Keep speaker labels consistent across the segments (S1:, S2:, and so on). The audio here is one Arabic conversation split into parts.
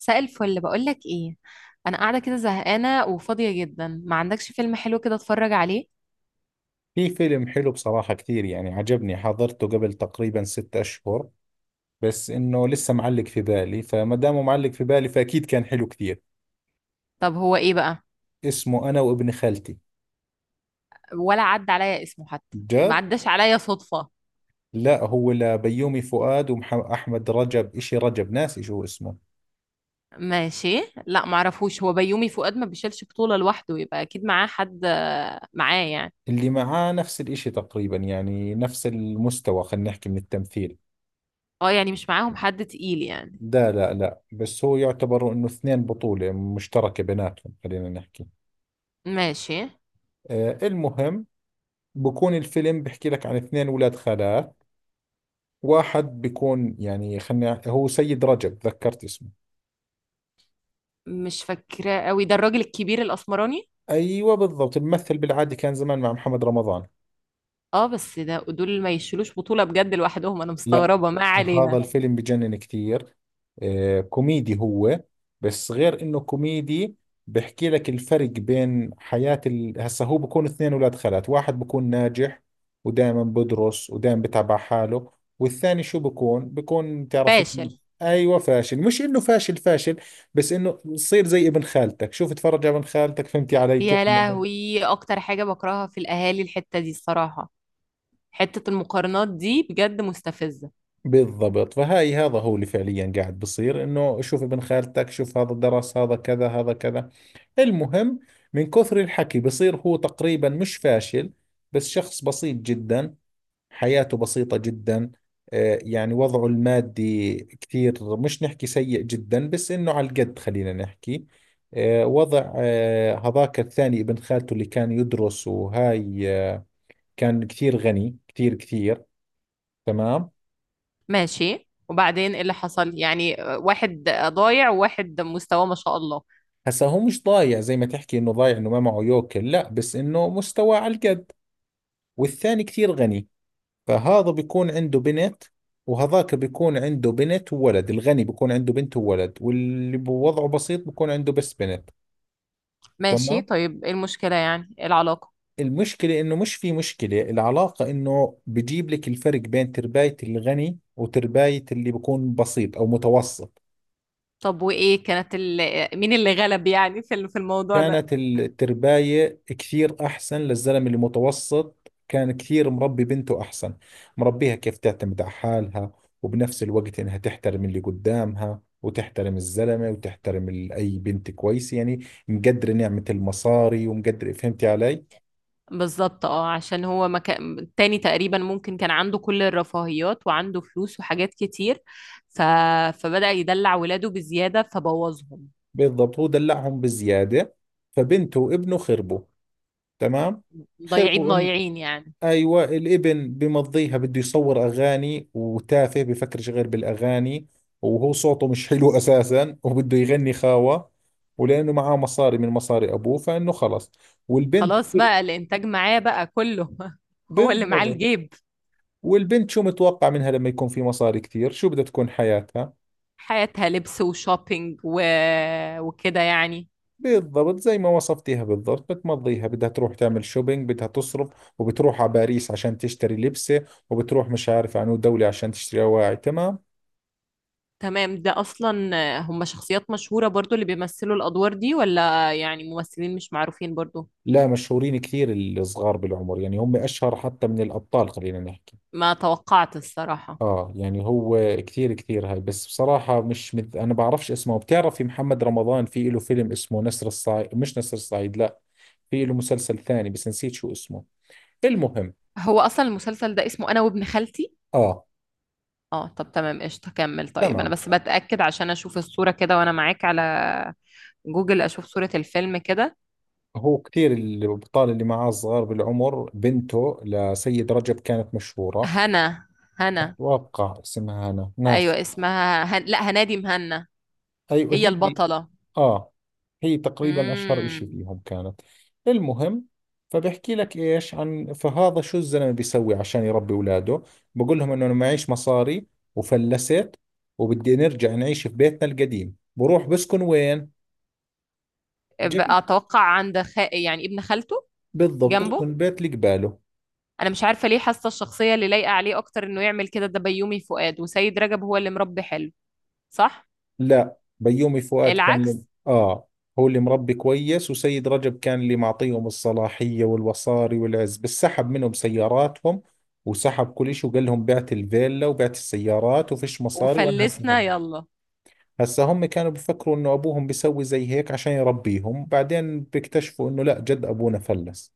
S1: مساء الفل، بقول لك ايه؟ انا قاعده كده زهقانه وفاضيه جدا، ما عندكش فيلم حلو كده اتفرج عليه؟
S2: في فيلم حلو بصراحة كثير، يعني عجبني، حضرته قبل تقريبا 6 أشهر، بس إنه لسه معلق في بالي، فما دامه معلق في بالي فأكيد كان حلو كثير.
S1: طب هو ايه بقى؟
S2: اسمه أنا وابن خالتي.
S1: ولا عدى عليا اسمه حتى. ما
S2: جد؟
S1: عداش عليا صدفه.
S2: لا، هو لبيومي فؤاد وأحمد رجب، إشي رجب ناسي شو اسمه.
S1: ماشي. لا معرفوش. هو بيومي فؤاد ما بيشيلش بطوله لوحده، يبقى اكيد معاه حد. معاه يعني.
S2: اللي معاه نفس الإشي تقريبا، يعني نفس المستوى خلينا نحكي من التمثيل.
S1: اه، يعني مش معاهم حد تقيل يعني.
S2: لا لا لا، بس هو يعتبر إنه اثنين بطولة مشتركة بيناتهم خلينا نحكي.
S1: ماشي.
S2: المهم، بكون الفيلم بحكي لك عن اثنين ولاد خالات، واحد بيكون يعني خلني، هو سيد رجب ذكرت اسمه.
S1: مش فاكراه قوي. ده الراجل الكبير الاسمراني؟
S2: ايوه بالضبط، بمثل بالعادي، كان زمان مع محمد رمضان.
S1: اه، بس ده دول ما يشيلوش بطوله بجد لوحدهم. انا
S2: لا،
S1: مستغربه. ما
S2: هذا
S1: علينا.
S2: الفيلم بجنن كثير. كوميدي هو، بس غير انه كوميدي بحكي لك الفرق بين حياة هسا هو بكون اثنين اولاد خالات، واحد بكون ناجح ودائما بدرس ودائما بتعب على حاله، والثاني شو بكون
S1: فاشل.
S2: تعرفين. ايوه فاشل، مش انه فاشل فاشل، بس انه يصير زي ابن خالتك، شوف اتفرج على ابن خالتك، فهمتي علي كيف.
S1: يا لهوي، اكتر حاجة بكرهها في الاهالي الحتة دي الصراحة. حتة المقارنات دي بجد مستفزة.
S2: بالضبط، فهاي هذا هو اللي فعليا قاعد بصير، انه شوف ابن خالتك شوف، هذا درس، هذا كذا هذا كذا. المهم، من كثر الحكي بصير هو تقريبا مش فاشل، بس شخص بسيط جدا، حياته بسيطة جدا. يعني وضعه المادي كثير مش نحكي سيء جدا، بس انه على القد خلينا نحكي. آه، وضع آه، هذاك الثاني ابن خالته اللي كان يدرس وهاي، كان كثير غني كثير كثير. تمام.
S1: ماشي، وبعدين ايه اللي حصل؟ يعني واحد ضايع وواحد مستواه ما شاء الله.
S2: هسا هو مش ضايع زي ما تحكي انه ضايع، انه ما معه يوكل لا، بس انه مستواه على القد، والثاني كثير غني. فهذا بيكون عنده بنت، وهذاك بيكون عنده بنت وولد الغني بيكون عنده بنت وولد، واللي بوضعه بسيط بيكون عنده بس بنت.
S1: ماشي،
S2: تمام.
S1: طيب ايه المشكلة؟ يعني ايه العلاقة؟
S2: المشكلة انه مش في مشكلة، العلاقة انه بجيب لك الفرق بين ترباية الغني وترباية اللي بيكون بسيط او متوسط.
S1: طب وايه كانت مين اللي غلب؟ يعني في في الموضوع ده؟
S2: كانت الترباية كثير أحسن للزلمة اللي متوسط، كان كثير مربي بنته أحسن، مربيها كيف تعتمد على حالها، وبنفس الوقت إنها تحترم اللي قدامها وتحترم الزلمة وتحترم أي بنت كويسة، يعني مقدرة نعمة المصاري ومقدرة، فهمتي علي.
S1: بالظبط، اه، عشان هو ما كان التاني. تقريبا ممكن كان عنده كل الرفاهيات وعنده فلوس وحاجات كتير. ف... فبدأ يدلع ولاده بزيادة فبوظهم.
S2: بالضبط، هو دلعهم بزيادة، فبنته وابنه خربوا. تمام.
S1: ضايعين
S2: خربوا،
S1: ضايعين يعني.
S2: ايوه الابن بمضيها، بده يصور اغاني وتافه بفكرش غير بالاغاني، وهو صوته مش حلو اساسا وبده يغني خاوه، ولانه معاه مصاري من مصاري ابوه فانه خلص. والبنت،
S1: خلاص بقى الانتاج معاه بقى كله هو اللي معاه
S2: بالضبط،
S1: الجيب.
S2: والبنت شو متوقع منها لما يكون في مصاري كثير، شو بدها تكون حياتها؟
S1: حياتها لبس وشوبينج وكده يعني.
S2: بالضبط زي ما وصفتيها بالضبط، بتمضيها بدها تروح تعمل شوبينج، بدها تصرف وبتروح على باريس عشان تشتري لبسة، وبتروح مش عارف عنو دولة عشان تشتري أواعي. تمام.
S1: تمام ده اصلا. هم شخصيات مشهورة برضو اللي بيمثلوا الادوار دي؟ ولا يعني ممثلين مش معروفين برضو؟
S2: لا مشهورين كثير، الصغار بالعمر يعني هم أشهر حتى من الأبطال خلينا نحكي.
S1: ما توقعت الصراحة.
S2: يعني هو كثير كثير هاي، بس بصراحة مش مد... أنا بعرفش اسمه. بتعرفي محمد رمضان في له فيلم اسمه نسر الصعيد، مش نسر الصعيد لا، في له مسلسل ثاني بس نسيت شو اسمه. المهم.
S1: هو اصلا المسلسل ده اسمه انا وابن خالتي؟
S2: آه
S1: اه، طب تمام، قشطة، كمل. طيب انا
S2: تمام،
S1: بس بتأكد عشان اشوف الصورة كده وانا معاك على جوجل، اشوف صورة الفيلم كده.
S2: هو كثير الأبطال اللي معاه صغار بالعمر، بنته لسيد رجب كانت مشهورة،
S1: هنا، هنا،
S2: أتوقع اسمها أنا ناس.
S1: ايوه اسمها لا، هنادي مهنا.
S2: أيوة
S1: هي
S2: هي اللي،
S1: البطلة.
S2: آه هي تقريبا أشهر إشي
S1: امم.
S2: فيهم كانت. المهم. فبحكي لك إيش عن، فهذا شو الزلمة بيسوي عشان يربي أولاده، بقول لهم إنه أنا معيش مصاري وفلست، وبدي نرجع نعيش في بيتنا القديم، بروح بسكن وين؟ جنب،
S1: اتوقع عند يعني ابن خالته،
S2: بالضبط بسكن
S1: جنبه.
S2: البيت اللي قباله.
S1: انا مش عارفة ليه حاسة الشخصية اللي لايقة عليه اكتر انه يعمل كده ده بيومي فؤاد. وسيد رجب هو اللي مربي حلو، صح؟
S2: لا بيومي فؤاد كان
S1: العكس.
S2: هو اللي مربي كويس، وسيد رجب كان اللي معطيهم الصلاحية والوصاري والعز، بس سحب منهم سياراتهم وسحب كل شيء، وقال لهم بعت الفيلا وبعت السيارات وفيش مصاري، وانا هسه
S1: وفلسنا يلا.
S2: هسه هم كانوا بيفكروا انه ابوهم بيسوي زي هيك عشان يربيهم، بعدين بيكتشفوا انه لا جد ابونا فلس.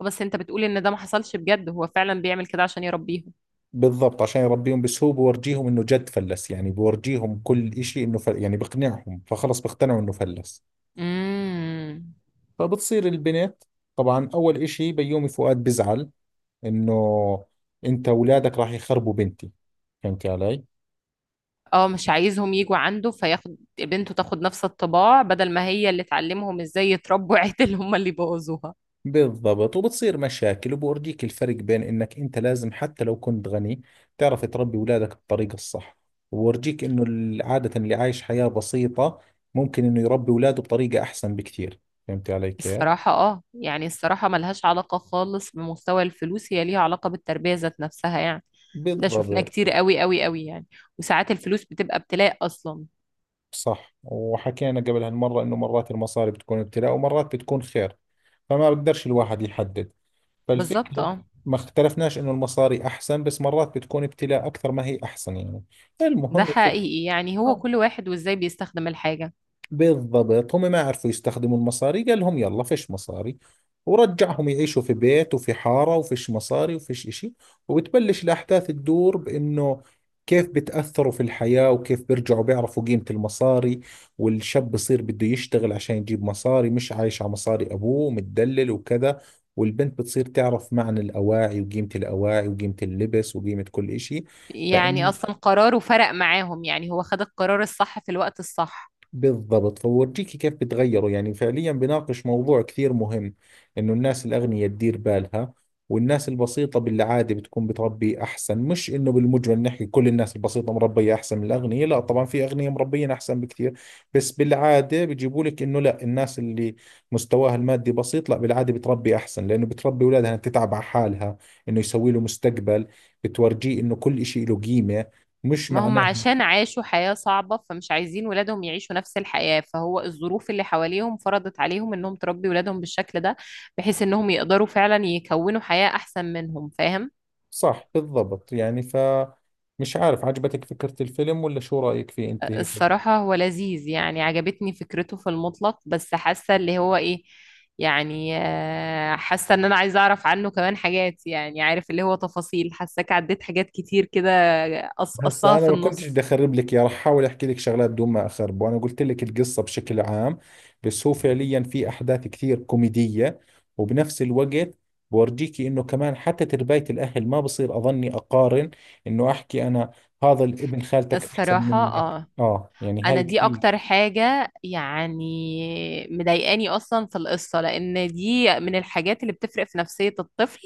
S1: بس انت بتقول ان ده ما حصلش بجد؟ هو فعلا بيعمل كده عشان يربيهم؟
S2: بالضبط عشان يربيهم، بس هو بورجيهم انه جد فلس، يعني بورجيهم كل اشي انه يعني بقنعهم، فخلص بيقتنعوا انه فلس.
S1: امم.
S2: فبتصير البنت، طبعا اول اشي بيومي فؤاد بزعل، انه انت اولادك راح يخربوا بنتي، فهمتي علي.
S1: اه، مش عايزهم يجوا عنده فياخد بنته تاخد نفس الطباع بدل ما هي اللي تعلمهم ازاي يتربوا عدل، هم اللي بوظوها.
S2: بالضبط، وبتصير مشاكل، وبورجيك الفرق بين انك انت لازم حتى لو كنت غني تعرف تربي اولادك بالطريقة الصح، وورجيك انه عادة اللي عايش حياة بسيطة ممكن انه يربي اولاده بطريقة احسن بكثير، فهمتي علي كيف.
S1: الصراحة اه، يعني الصراحة ملهاش علاقة خالص بمستوى الفلوس. هي ليها علاقة بالتربية ذات نفسها يعني. ده شفناه
S2: بالضبط
S1: كتير قوي قوي قوي يعني. وساعات الفلوس بتبقى ابتلاء أصلا.
S2: صح، وحكينا قبل هالمرة انه مرات المصاري بتكون ابتلاء ومرات بتكون خير، فما بقدرش الواحد يحدد.
S1: بالظبط
S2: فالفكرة،
S1: اه.
S2: ما اختلفناش انه المصاري احسن، بس مرات بتكون ابتلاء اكثر ما هي احسن يعني.
S1: ده
S2: المهم يا ستي.
S1: حقيقي، يعني هو كل واحد وازاي بيستخدم الحاجة.
S2: بالضبط، هم ما عرفوا يستخدموا المصاري، قال لهم يلا فيش مصاري، ورجعهم يعيشوا في بيت وفي حارة وفيش مصاري وفيش إشي، وبتبلش الأحداث تدور بإنه كيف بتأثروا في الحياة، وكيف بيرجعوا بيعرفوا قيمة المصاري، والشاب بصير بده يشتغل عشان يجيب مصاري، مش عايش على مصاري أبوه متدلل وكذا، والبنت بتصير تعرف معنى الأواعي وقيمة الأواعي وقيمة اللبس وقيمة كل إشي.
S1: يعني أصلا قراره فرق معاهم. يعني هو خد القرار الصح في الوقت الصح.
S2: بالضبط، فورجيكي كيف بتغيروا، يعني فعليا بناقش موضوع كثير مهم، انه الناس الاغنياء تدير بالها، والناس البسيطة بالعادة بتكون بتربي احسن، مش انه بالمجمل نحكي كل الناس البسيطة مربية احسن من الاغنياء، لا طبعا في اغنياء مربيين احسن بكثير، بس بالعادة بيجيبوا لك انه لا، الناس اللي مستواها المادي بسيط لا بالعادة بتربي احسن، لانه بتربي اولادها انها تتعب على حالها، انه يسوي له مستقبل، بتورجيه انه كل شيء له قيمة، مش
S1: ما هم
S2: معناه.
S1: عشان عاشوا حياة صعبة فمش عايزين ولادهم يعيشوا نفس الحياة، فهو الظروف اللي حواليهم فرضت عليهم انهم تربي ولادهم بالشكل ده، بحيث انهم يقدروا فعلا يكونوا حياة احسن منهم. فاهم؟
S2: صح بالضبط يعني ف، مش عارف عجبتك فكرة الفيلم ولا شو رأيك فيه انت هيك؟
S1: الصراحة هو لذيذ، يعني عجبتني فكرته في المطلق. بس حاسة اللي هو ايه، يعني حاسة ان انا عايزة اعرف عنه كمان حاجات. يعني عارف اللي هو تفاصيل، حاساك عديت حاجات كتير كده، قصقصتها
S2: هسا انا
S1: في
S2: ما كنتش بدي
S1: النص.
S2: اخرب لك اياه، رح احاول احكي لك شغلات بدون ما اخرب، وانا قلت لك القصة بشكل عام، بس هو فعليا في احداث كثير كوميدية، وبنفس الوقت بورجيكي انه كمان حتى تربية الاهل ما بصير، اظني اقارن انه احكي انا هذا الابن خالتك احسن
S1: الصراحة
S2: منك،
S1: اه،
S2: اه يعني
S1: انا
S2: هاي
S1: دي
S2: كثير.
S1: اكتر حاجة يعني مضايقاني اصلا في القصة، لان دي من الحاجات اللي بتفرق في نفسية الطفل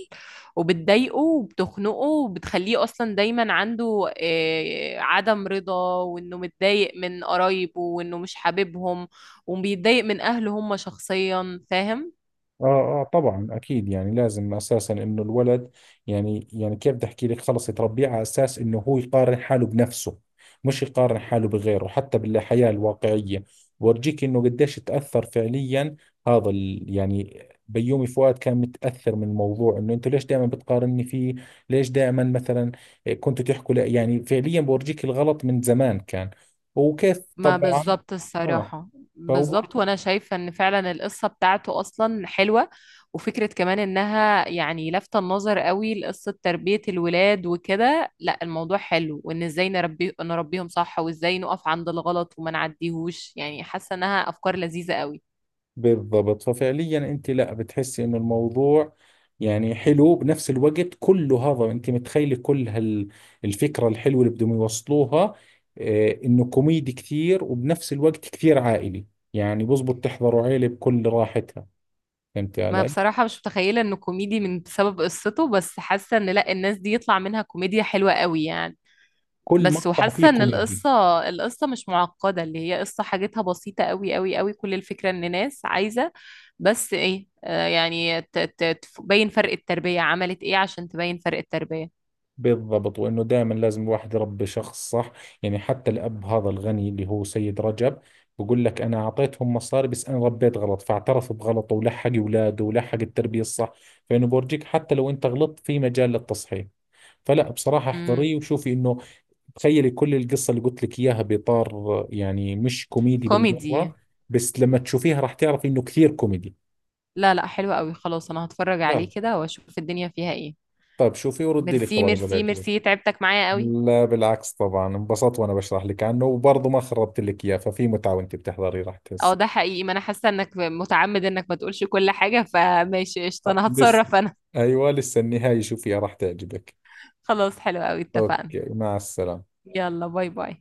S1: وبتضايقه وبتخنقه وبتخليه اصلا دايما عنده عدم رضا، وانه متضايق من قرايبه وانه مش حاببهم، وبيتضايق من اهله هم شخصيا. فاهم؟
S2: اه اه طبعا اكيد، يعني لازم اساسا انه الولد، يعني كيف بدي احكي لك، خلص يتربيه على اساس انه هو يقارن حاله بنفسه، مش يقارن حاله بغيره، حتى بالحياة الواقعية بورجيك انه قديش تأثر فعليا، هذا ال، يعني بيومي فؤاد كان متأثر من الموضوع، انه انتوا ليش دائما بتقارني فيه؟ ليش دائما مثلا كنتوا تحكوا، لا يعني فعليا بورجيك الغلط من زمان كان، وكيف
S1: ما
S2: طبعا.
S1: بالظبط
S2: اه
S1: الصراحة. بالظبط، وأنا شايفة إن فعلا القصة بتاعته أصلا حلوة. وفكرة كمان إنها يعني لافتة النظر قوي لقصة تربية الولاد وكده. لا الموضوع حلو، وإن إزاي نربيهم صح، وإزاي نقف عند الغلط وما نعديهوش. يعني حاسة إنها أفكار لذيذة قوي.
S2: بالضبط، ففعليا انت لا بتحسي انه الموضوع يعني حلو، بنفس الوقت كله هذا انت متخيله، كل هالفكره الحلوه اللي بدهم يوصلوها، انه كوميدي كثير وبنفس الوقت كثير عائلي، يعني بزبط تحضروا عيله بكل راحتها، فهمتي
S1: ما
S2: علي.
S1: بصراحة مش متخيلة إنه كوميدي من بسبب قصته، بس حاسة إن لا، الناس دي يطلع منها كوميديا حلوة قوي يعني.
S2: كل
S1: بس
S2: مقطع فيه
S1: وحاسه ان
S2: كوميدي.
S1: القصه مش معقده، اللي هي قصه حاجتها بسيطه قوي قوي قوي. كل الفكره ان ناس عايزه بس ايه، يعني تبين فرق التربيه. عملت ايه عشان تبين فرق التربيه.
S2: بالضبط، وانه دائما لازم الواحد يربي شخص صح، يعني حتى الاب هذا الغني اللي هو سيد رجب، بقول لك انا اعطيتهم مصاري بس انا ربيت غلط، فاعترف بغلطه ولحق اولاده ولحق التربيه الصح، فانه بورجيك حتى لو انت غلطت في مجال للتصحيح، فلا بصراحه احضريه
S1: امم.
S2: وشوفي انه، تخيلي كل القصه اللي قلت لك اياها باطار يعني مش كوميدي
S1: كوميدي.
S2: بالمره، بس لما تشوفيها راح تعرفي انه كثير كوميدي.
S1: لا لا، حلوه قوي. خلاص، انا هتفرج عليه
S2: غلط.
S1: كده واشوف الدنيا فيها ايه.
S2: طيب شوفي وردي لي
S1: ميرسي
S2: خبر اذا
S1: ميرسي
S2: بيعجبك.
S1: ميرسي، تعبتك معايا قوي.
S2: لا بالعكس، طبعا انبسطت وانا بشرح لك عنه وبرضه ما خربت لك اياه، ففي متعة وانت بتحضري راح
S1: اه
S2: تحس.
S1: ده حقيقي، ما انا حاسه انك متعمد انك ما تقولش كل حاجه. فماشي قشطه، انا
S2: لسه،
S1: هتصرف انا.
S2: ايوه لسه النهاية شوفيها راح تعجبك.
S1: خلاص، حلو قوي، اتفقنا.
S2: اوكي، مع السلامة.
S1: يلا باي باي.